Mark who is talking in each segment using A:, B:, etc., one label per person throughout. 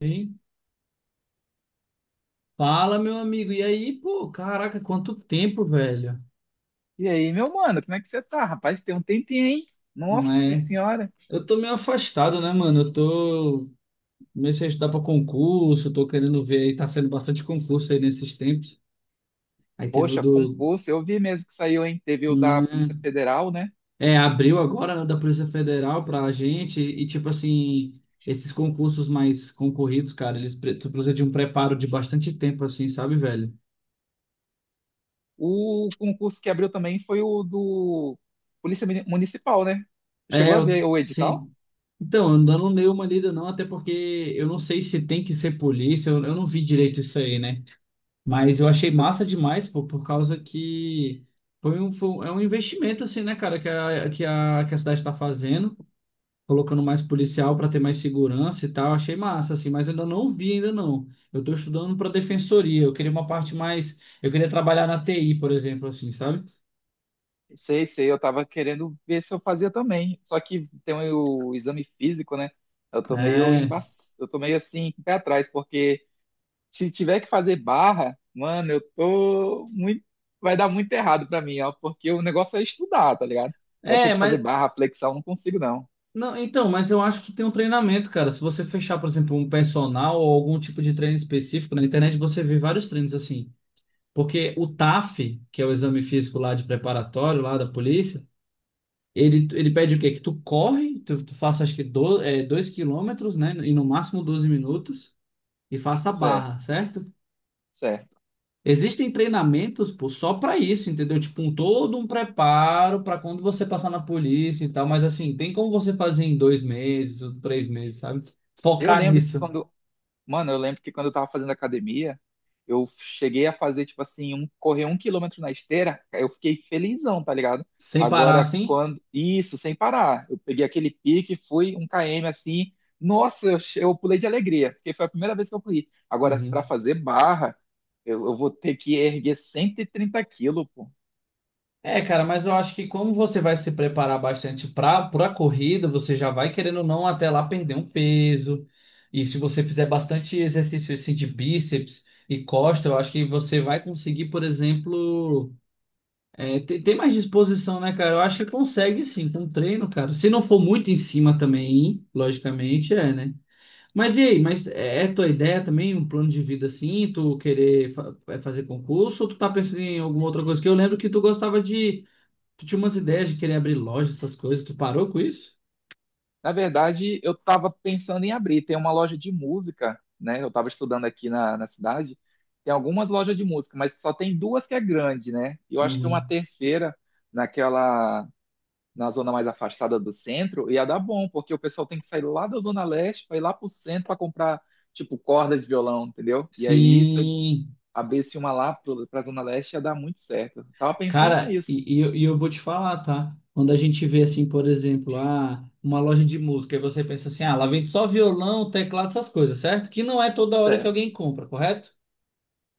A: Ei, fala, meu amigo. E aí, pô, caraca, quanto tempo, velho.
B: E aí, meu mano, como é que você tá? Rapaz, tem um tempinho, hein?
A: Não
B: Nossa
A: é?
B: senhora.
A: Eu tô meio afastado, né, mano? Eu tô. Comecei a estudar pra concurso, tô querendo ver aí, tá sendo bastante concurso aí nesses tempos. Aí teve o
B: Poxa,
A: do.
B: concurso, eu vi mesmo que saiu, hein? Teve o
A: Não
B: da
A: é?
B: Polícia Federal, né?
A: É, abriu agora, né, da Polícia Federal pra gente. E, tipo assim, esses concursos mais concorridos, cara, eles tu precisa de um preparo de bastante tempo, assim, sabe, velho?
B: O concurso que abriu também foi o do Municipal, né?
A: É,
B: Chegou a
A: eu,
B: ver o edital?
A: sim. Então, eu não dei uma lida não, até porque eu não sei se tem que ser polícia, eu não vi direito isso aí, né? Mas eu achei
B: Eu-
A: massa demais, pô, por causa que é um investimento, assim, né, cara, que a cidade está fazendo, colocando mais policial para ter mais segurança e tal, achei massa, assim, mas eu ainda não vi, ainda não. Eu tô estudando para defensoria, eu queria uma parte mais, eu queria trabalhar na TI, por exemplo, assim, sabe?
B: Sei, sei, eu tava querendo ver se eu fazia também. Só que tem o exame físico, né? Eu tô meio
A: É,
B: embaç... eu tô meio assim, com o pé atrás, porque. Se tiver que fazer barra, mano, eu tô muito. Vai dar muito errado pra mim, ó, porque o negócio é estudar, tá ligado? Vai ter
A: é,
B: que fazer
A: mas
B: barra, flexão, não consigo não.
A: não, então, mas eu acho que tem um treinamento, cara. Se você fechar, por exemplo, um personal ou algum tipo de treino específico na internet, você vê vários treinos assim. Porque o TAF, que é o exame físico lá de preparatório, lá da polícia, ele pede o quê? Que tu corre, tu faça acho que do, 2 quilômetros, né? E no máximo 12 minutos, e faça a
B: Certo,
A: barra, certo?
B: certo.
A: Existem treinamentos, pô, só para isso, entendeu? Tipo, um todo um preparo para quando você passar na polícia e tal, mas assim, tem como você fazer em 2 meses ou 3 meses, sabe?
B: Eu
A: Focar
B: lembro que
A: nisso,
B: quando, Mano, eu lembro que quando eu tava fazendo academia, eu cheguei a fazer, tipo assim, correr 1 quilômetro na esteira, eu fiquei felizão, tá ligado?
A: sem parar
B: Agora,
A: assim?
B: quando. Isso, sem parar. Eu peguei aquele pique, fui 1 km assim. Nossa, eu pulei de alegria, porque foi a primeira vez que eu corri. Agora, pra
A: Uhum.
B: fazer barra, eu vou ter que erguer 130 quilos.
A: É, cara, mas eu acho que como você vai se preparar bastante pra corrida, você já vai querendo ou não até lá perder um peso. E se você fizer bastante exercício assim, de bíceps e costa, eu acho que você vai conseguir, por exemplo. É, tem mais disposição, né, cara? Eu acho que consegue sim, com treino, cara. Se não for muito em cima também, logicamente, é, né? Mas e aí, mas é tua ideia também, um plano de vida assim, tu querer fazer concurso, ou tu tá pensando em alguma outra coisa? Que eu lembro que tu gostava de, tu tinha umas ideias de querer abrir loja, essas coisas, tu parou com isso?
B: Na verdade, eu estava pensando em abrir. Tem uma loja de música, né? Eu estava estudando aqui na cidade. Tem algumas lojas de música, mas só tem duas que é grande, né? E eu acho que uma
A: Uhum.
B: terceira, naquela, na zona mais afastada do centro, ia dar bom, porque o pessoal tem que sair lá da Zona Leste para ir lá para o centro para comprar, tipo, cordas de violão, entendeu? E aí, se eu
A: Sim.
B: abrisse uma lá para a Zona Leste, ia dar muito certo. Eu tava pensando
A: Cara,
B: nisso.
A: e eu vou te falar, tá? Quando a gente vê assim, por exemplo, ah, uma loja de música, e você pensa assim, ah, lá vende só violão, teclado, essas coisas, certo? Que não é toda hora que
B: Certo.
A: alguém compra, correto?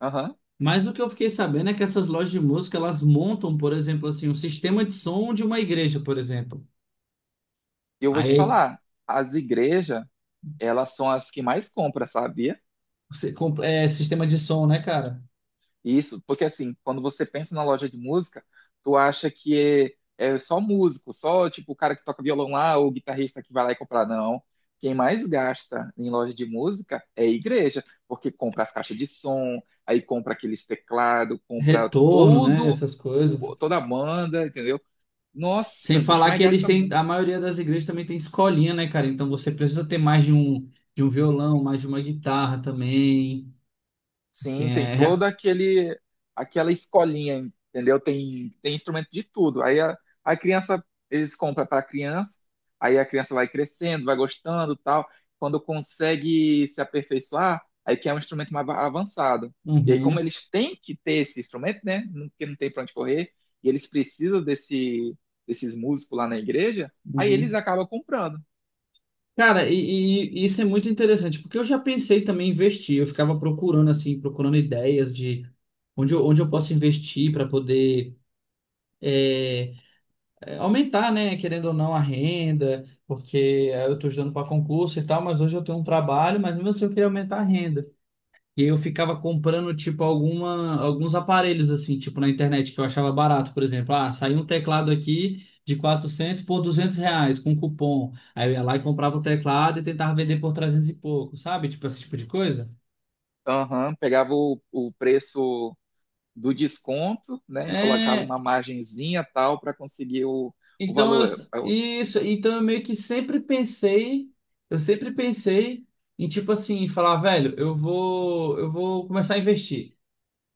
B: Aham.
A: Mas o que eu fiquei sabendo é que essas lojas de música, elas montam, por exemplo, assim, um sistema de som de uma igreja, por exemplo.
B: E eu vou te
A: Aí,
B: falar, as igrejas elas são as que mais compram, sabia?
A: você é sistema de som, né, cara?
B: Isso, porque assim, quando você pensa na loja de música, tu acha que é só músico, só tipo o cara que toca violão lá, ou o guitarrista que vai lá e comprar, não. Quem mais gasta em loja de música é a igreja, porque compra as caixas de som, aí compra aqueles teclados, compra
A: Retorno, né, essas coisas.
B: toda a banda, entendeu?
A: Sem
B: Nossa, bicho,
A: falar
B: mas
A: que eles
B: gasta
A: têm,
B: muito.
A: a maioria das igrejas também tem escolinha, né, cara? Então você precisa ter mais de um, violão, mais de uma guitarra também. Assim,
B: Sim, tem
A: é.
B: toda aquele aquela escolinha, entendeu? Tem instrumento de tudo. Aí a criança eles compram para a criança, aí a criança vai crescendo, vai gostando, tal. Quando consegue se aperfeiçoar, aí quer um instrumento avançado. E aí como
A: Uhum,
B: eles têm que ter esse instrumento, né? Porque não tem para onde correr, e eles precisam desses músicos lá na igreja, aí eles
A: uhum.
B: acabam comprando.
A: Cara, e isso é muito interessante, porque eu já pensei também em investir. Eu ficava procurando, assim, procurando ideias de onde eu posso investir para poder aumentar, né, querendo ou não, a renda, porque eu estou estudando para concurso e tal, mas hoje eu tenho um trabalho, mas mesmo assim eu queria aumentar a renda. E eu ficava comprando, tipo, alguns aparelhos, assim, tipo, na internet, que eu achava barato, por exemplo. Ah, saiu um teclado aqui de 400 por R$ 200, com cupom. Aí eu ia lá e comprava o teclado e tentava vender por 300 e pouco, sabe? Tipo, esse tipo de coisa.
B: Aham, pegava o preço do desconto, né? E colocava
A: É,
B: uma margenzinha tal para conseguir o
A: então eu,
B: valor.
A: isso, então eu meio que sempre pensei, eu sempre pensei em, tipo assim, falar, velho, eu vou começar a investir.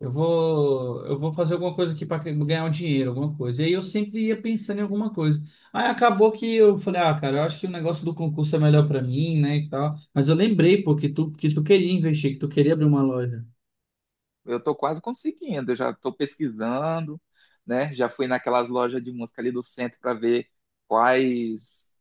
A: Eu vou fazer alguma coisa aqui para ganhar um dinheiro, alguma coisa. E aí eu sempre ia pensando em alguma coisa. Aí acabou que eu falei, ah, cara, eu acho que o negócio do concurso é melhor para mim, né, e tal. Mas eu lembrei, pô, que tu queria investir, que tu queria abrir uma loja.
B: Estou quase conseguindo, eu já estou pesquisando, né? Já fui naquelas lojas de música ali do centro para ver quais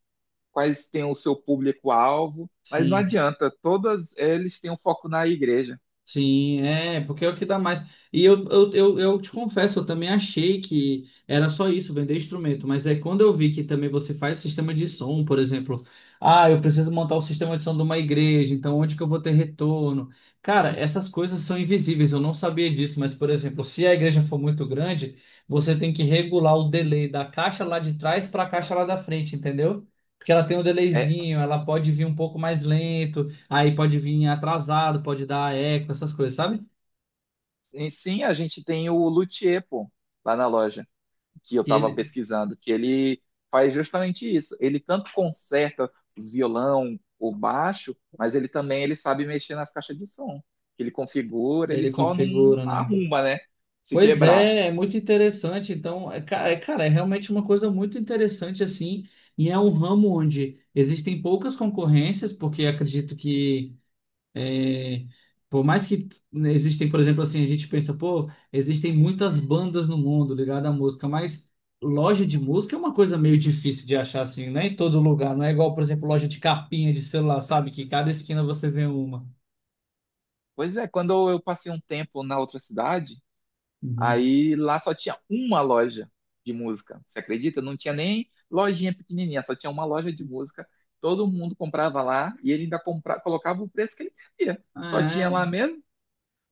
B: quais têm o seu público-alvo, mas não
A: Sim.
B: adianta, todas eles têm um foco na igreja.
A: Sim, é, porque é o que dá mais. E eu te confesso, eu também achei que era só isso, vender instrumento, mas é quando eu vi que também você faz sistema de som, por exemplo, ah, eu preciso montar o sistema de som de uma igreja, então onde que eu vou ter retorno? Cara, essas coisas são invisíveis, eu não sabia disso, mas, por exemplo, se a igreja for muito grande, você tem que regular o delay da caixa lá de trás para a caixa lá da frente, entendeu? Porque ela tem um
B: É,
A: delayzinho, ela pode vir um pouco mais lento. Aí pode vir atrasado, pode dar eco, essas coisas, sabe?
B: e sim, a gente tem o luthier, pô, lá na loja, que eu
A: Que
B: estava
A: ele,
B: pesquisando, que ele faz justamente isso. Ele tanto conserta os violão, o baixo, mas ele também ele sabe mexer nas caixas de som. Que ele configura, ele
A: ele
B: só não
A: configura, né?
B: arruma, né? Se
A: Pois
B: quebrar.
A: é, é muito interessante. Então, é, cara, é realmente uma coisa muito interessante, assim, e é um ramo onde existem poucas concorrências, porque acredito que é, por mais que, né, existem, por exemplo, assim, a gente pensa, pô, existem muitas bandas no mundo ligadas à música, mas loja de música é uma coisa meio difícil de achar, assim, não é em todo lugar. Não é igual, por exemplo, loja de capinha de celular, sabe? Que cada esquina você vê uma.
B: Pois é, quando eu passei um tempo na outra cidade,
A: Uhum.
B: aí lá só tinha uma loja de música. Você acredita? Não tinha nem lojinha pequenininha, só tinha uma loja de música. Todo mundo comprava lá e ele ainda compra, colocava o preço que ele queria. Só
A: Ah,
B: tinha
A: é.
B: lá mesmo.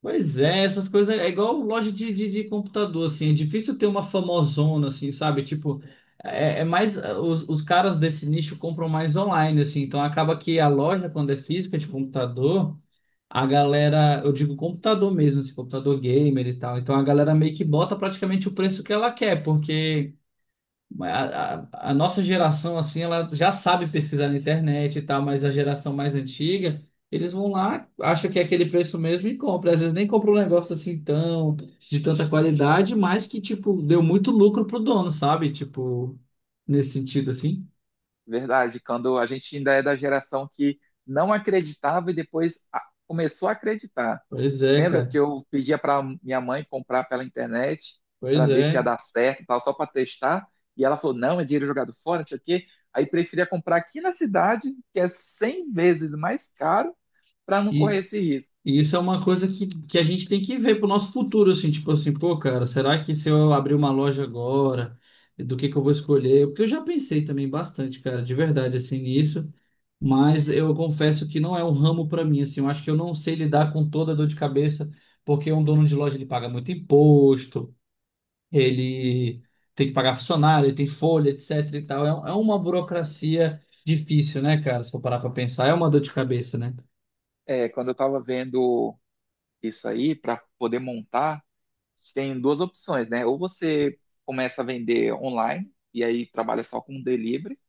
A: Pois é, essas coisas é igual loja de computador, assim, é difícil ter uma famosona, assim, sabe? Tipo, é mais, ah, os caras desse nicho compram mais online, assim, então acaba que a loja, quando é física de computador a galera, eu digo computador mesmo, assim, computador gamer e tal. Então a galera meio que bota praticamente o preço que ela quer, porque a nossa geração, assim, ela já sabe pesquisar na internet e tal, mas a geração mais antiga, eles vão lá, acham que é aquele preço mesmo e compra. Às vezes nem compra um negócio assim tão, de tanta qualidade, mas que, tipo, deu muito lucro pro dono, sabe? Tipo, nesse sentido, assim.
B: Verdade, quando a gente ainda é da geração que não acreditava e depois começou a acreditar.
A: Pois é,
B: Lembra que
A: cara.
B: eu pedia para minha mãe comprar pela internet para
A: Pois
B: ver se ia
A: é.
B: dar certo, e tal, só para testar, e ela falou: "Não, é dinheiro jogado fora, não sei o quê". Aí preferia comprar aqui na cidade, que é 100 vezes mais caro, para não correr
A: E,
B: esse risco.
A: E isso é uma coisa que a gente tem que ver pro nosso futuro, assim, tipo assim, pô, cara, será que se eu abrir uma loja agora, do que eu vou escolher? Porque eu já pensei também bastante, cara, de verdade, assim, nisso, mas eu confesso que não é um ramo pra mim, assim, eu acho que eu não sei lidar com toda a dor de cabeça, porque um dono de loja, ele paga muito imposto, ele tem que pagar funcionário, ele tem folha, etc e tal, é, uma burocracia difícil, né, cara, se for parar pra pensar, é uma dor de cabeça, né?
B: É, quando eu estava vendo isso aí para poder montar, tem duas opções, né? Ou você começa a vender online e aí trabalha só com delivery.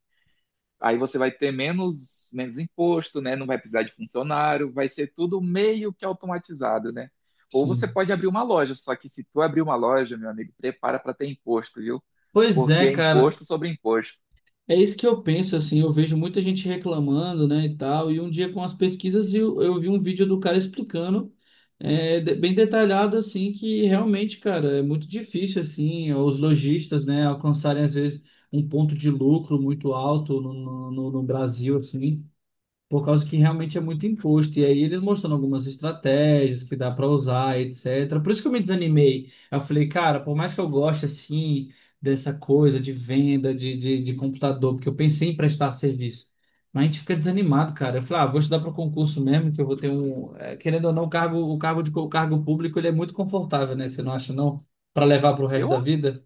B: Aí você vai ter menos imposto, né? Não vai precisar de funcionário, vai ser tudo meio que automatizado, né? Ou você
A: Sim.
B: pode abrir uma loja, só que se tu abrir uma loja, meu amigo, prepara para ter imposto, viu?
A: Pois
B: Porque
A: é,
B: é
A: cara.
B: imposto sobre imposto.
A: É isso que eu penso, assim, eu vejo muita gente reclamando, né, e tal, e um dia com as pesquisas eu vi um vídeo do cara explicando, bem detalhado, assim, que realmente, cara, é muito difícil, assim, os lojistas, né, alcançarem, às vezes, um ponto de lucro muito alto no Brasil, assim, por causa que realmente é muito imposto. E aí eles mostrando algumas estratégias que dá para usar, etc. Por isso que eu me desanimei. Eu falei, cara, por mais que eu goste assim dessa coisa de venda de computador, porque eu pensei em prestar serviço. Mas a gente fica desanimado, cara. Eu falei, ah, vou estudar para concurso mesmo, que eu vou ter um. Querendo ou não, o cargo público ele é muito confortável, né? Você não acha, não? Para levar para o resto da
B: Eu,
A: vida.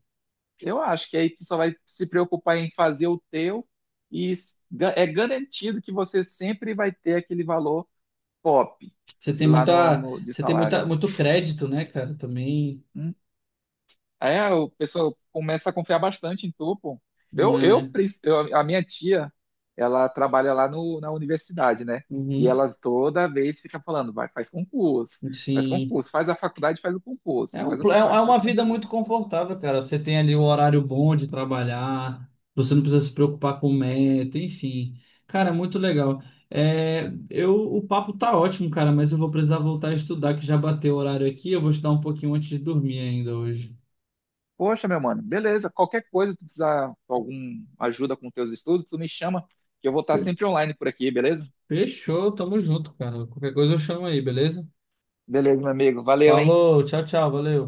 B: eu acho que aí tu só vai se preocupar em fazer o teu e é garantido que você sempre vai ter aquele valor top
A: Você tem
B: lá
A: muita,
B: de
A: você tem
B: salário.
A: muita, muito crédito, né, cara? Também,
B: É, o pessoal começa a confiar bastante em tu, pô.
A: né?
B: A minha tia, ela trabalha lá no, na universidade, né? E
A: Uhum.
B: ela toda vez fica falando, vai, faz concurso, faz
A: Sim.
B: concurso, faz a faculdade, faz o concurso,
A: É, um,
B: faz a
A: pl- é é
B: faculdade,
A: uma
B: faz o
A: vida muito
B: concurso.
A: confortável, cara. Você tem ali o horário bom de trabalhar, você não precisa se preocupar com meta, enfim. Cara, é muito legal. É, o papo tá ótimo, cara, mas eu vou precisar voltar a estudar, que já bateu o horário aqui. Eu vou estudar um pouquinho antes de dormir ainda hoje.
B: Poxa, meu mano, beleza, qualquer coisa, tu precisar de alguma ajuda com teus estudos, tu me chama, que eu vou estar
A: Fe-
B: sempre online por aqui, beleza?
A: Fechou, tamo junto, cara. Qualquer coisa eu chamo aí, beleza?
B: Beleza, meu amigo, valeu, hein?
A: Falou, tchau, tchau, valeu.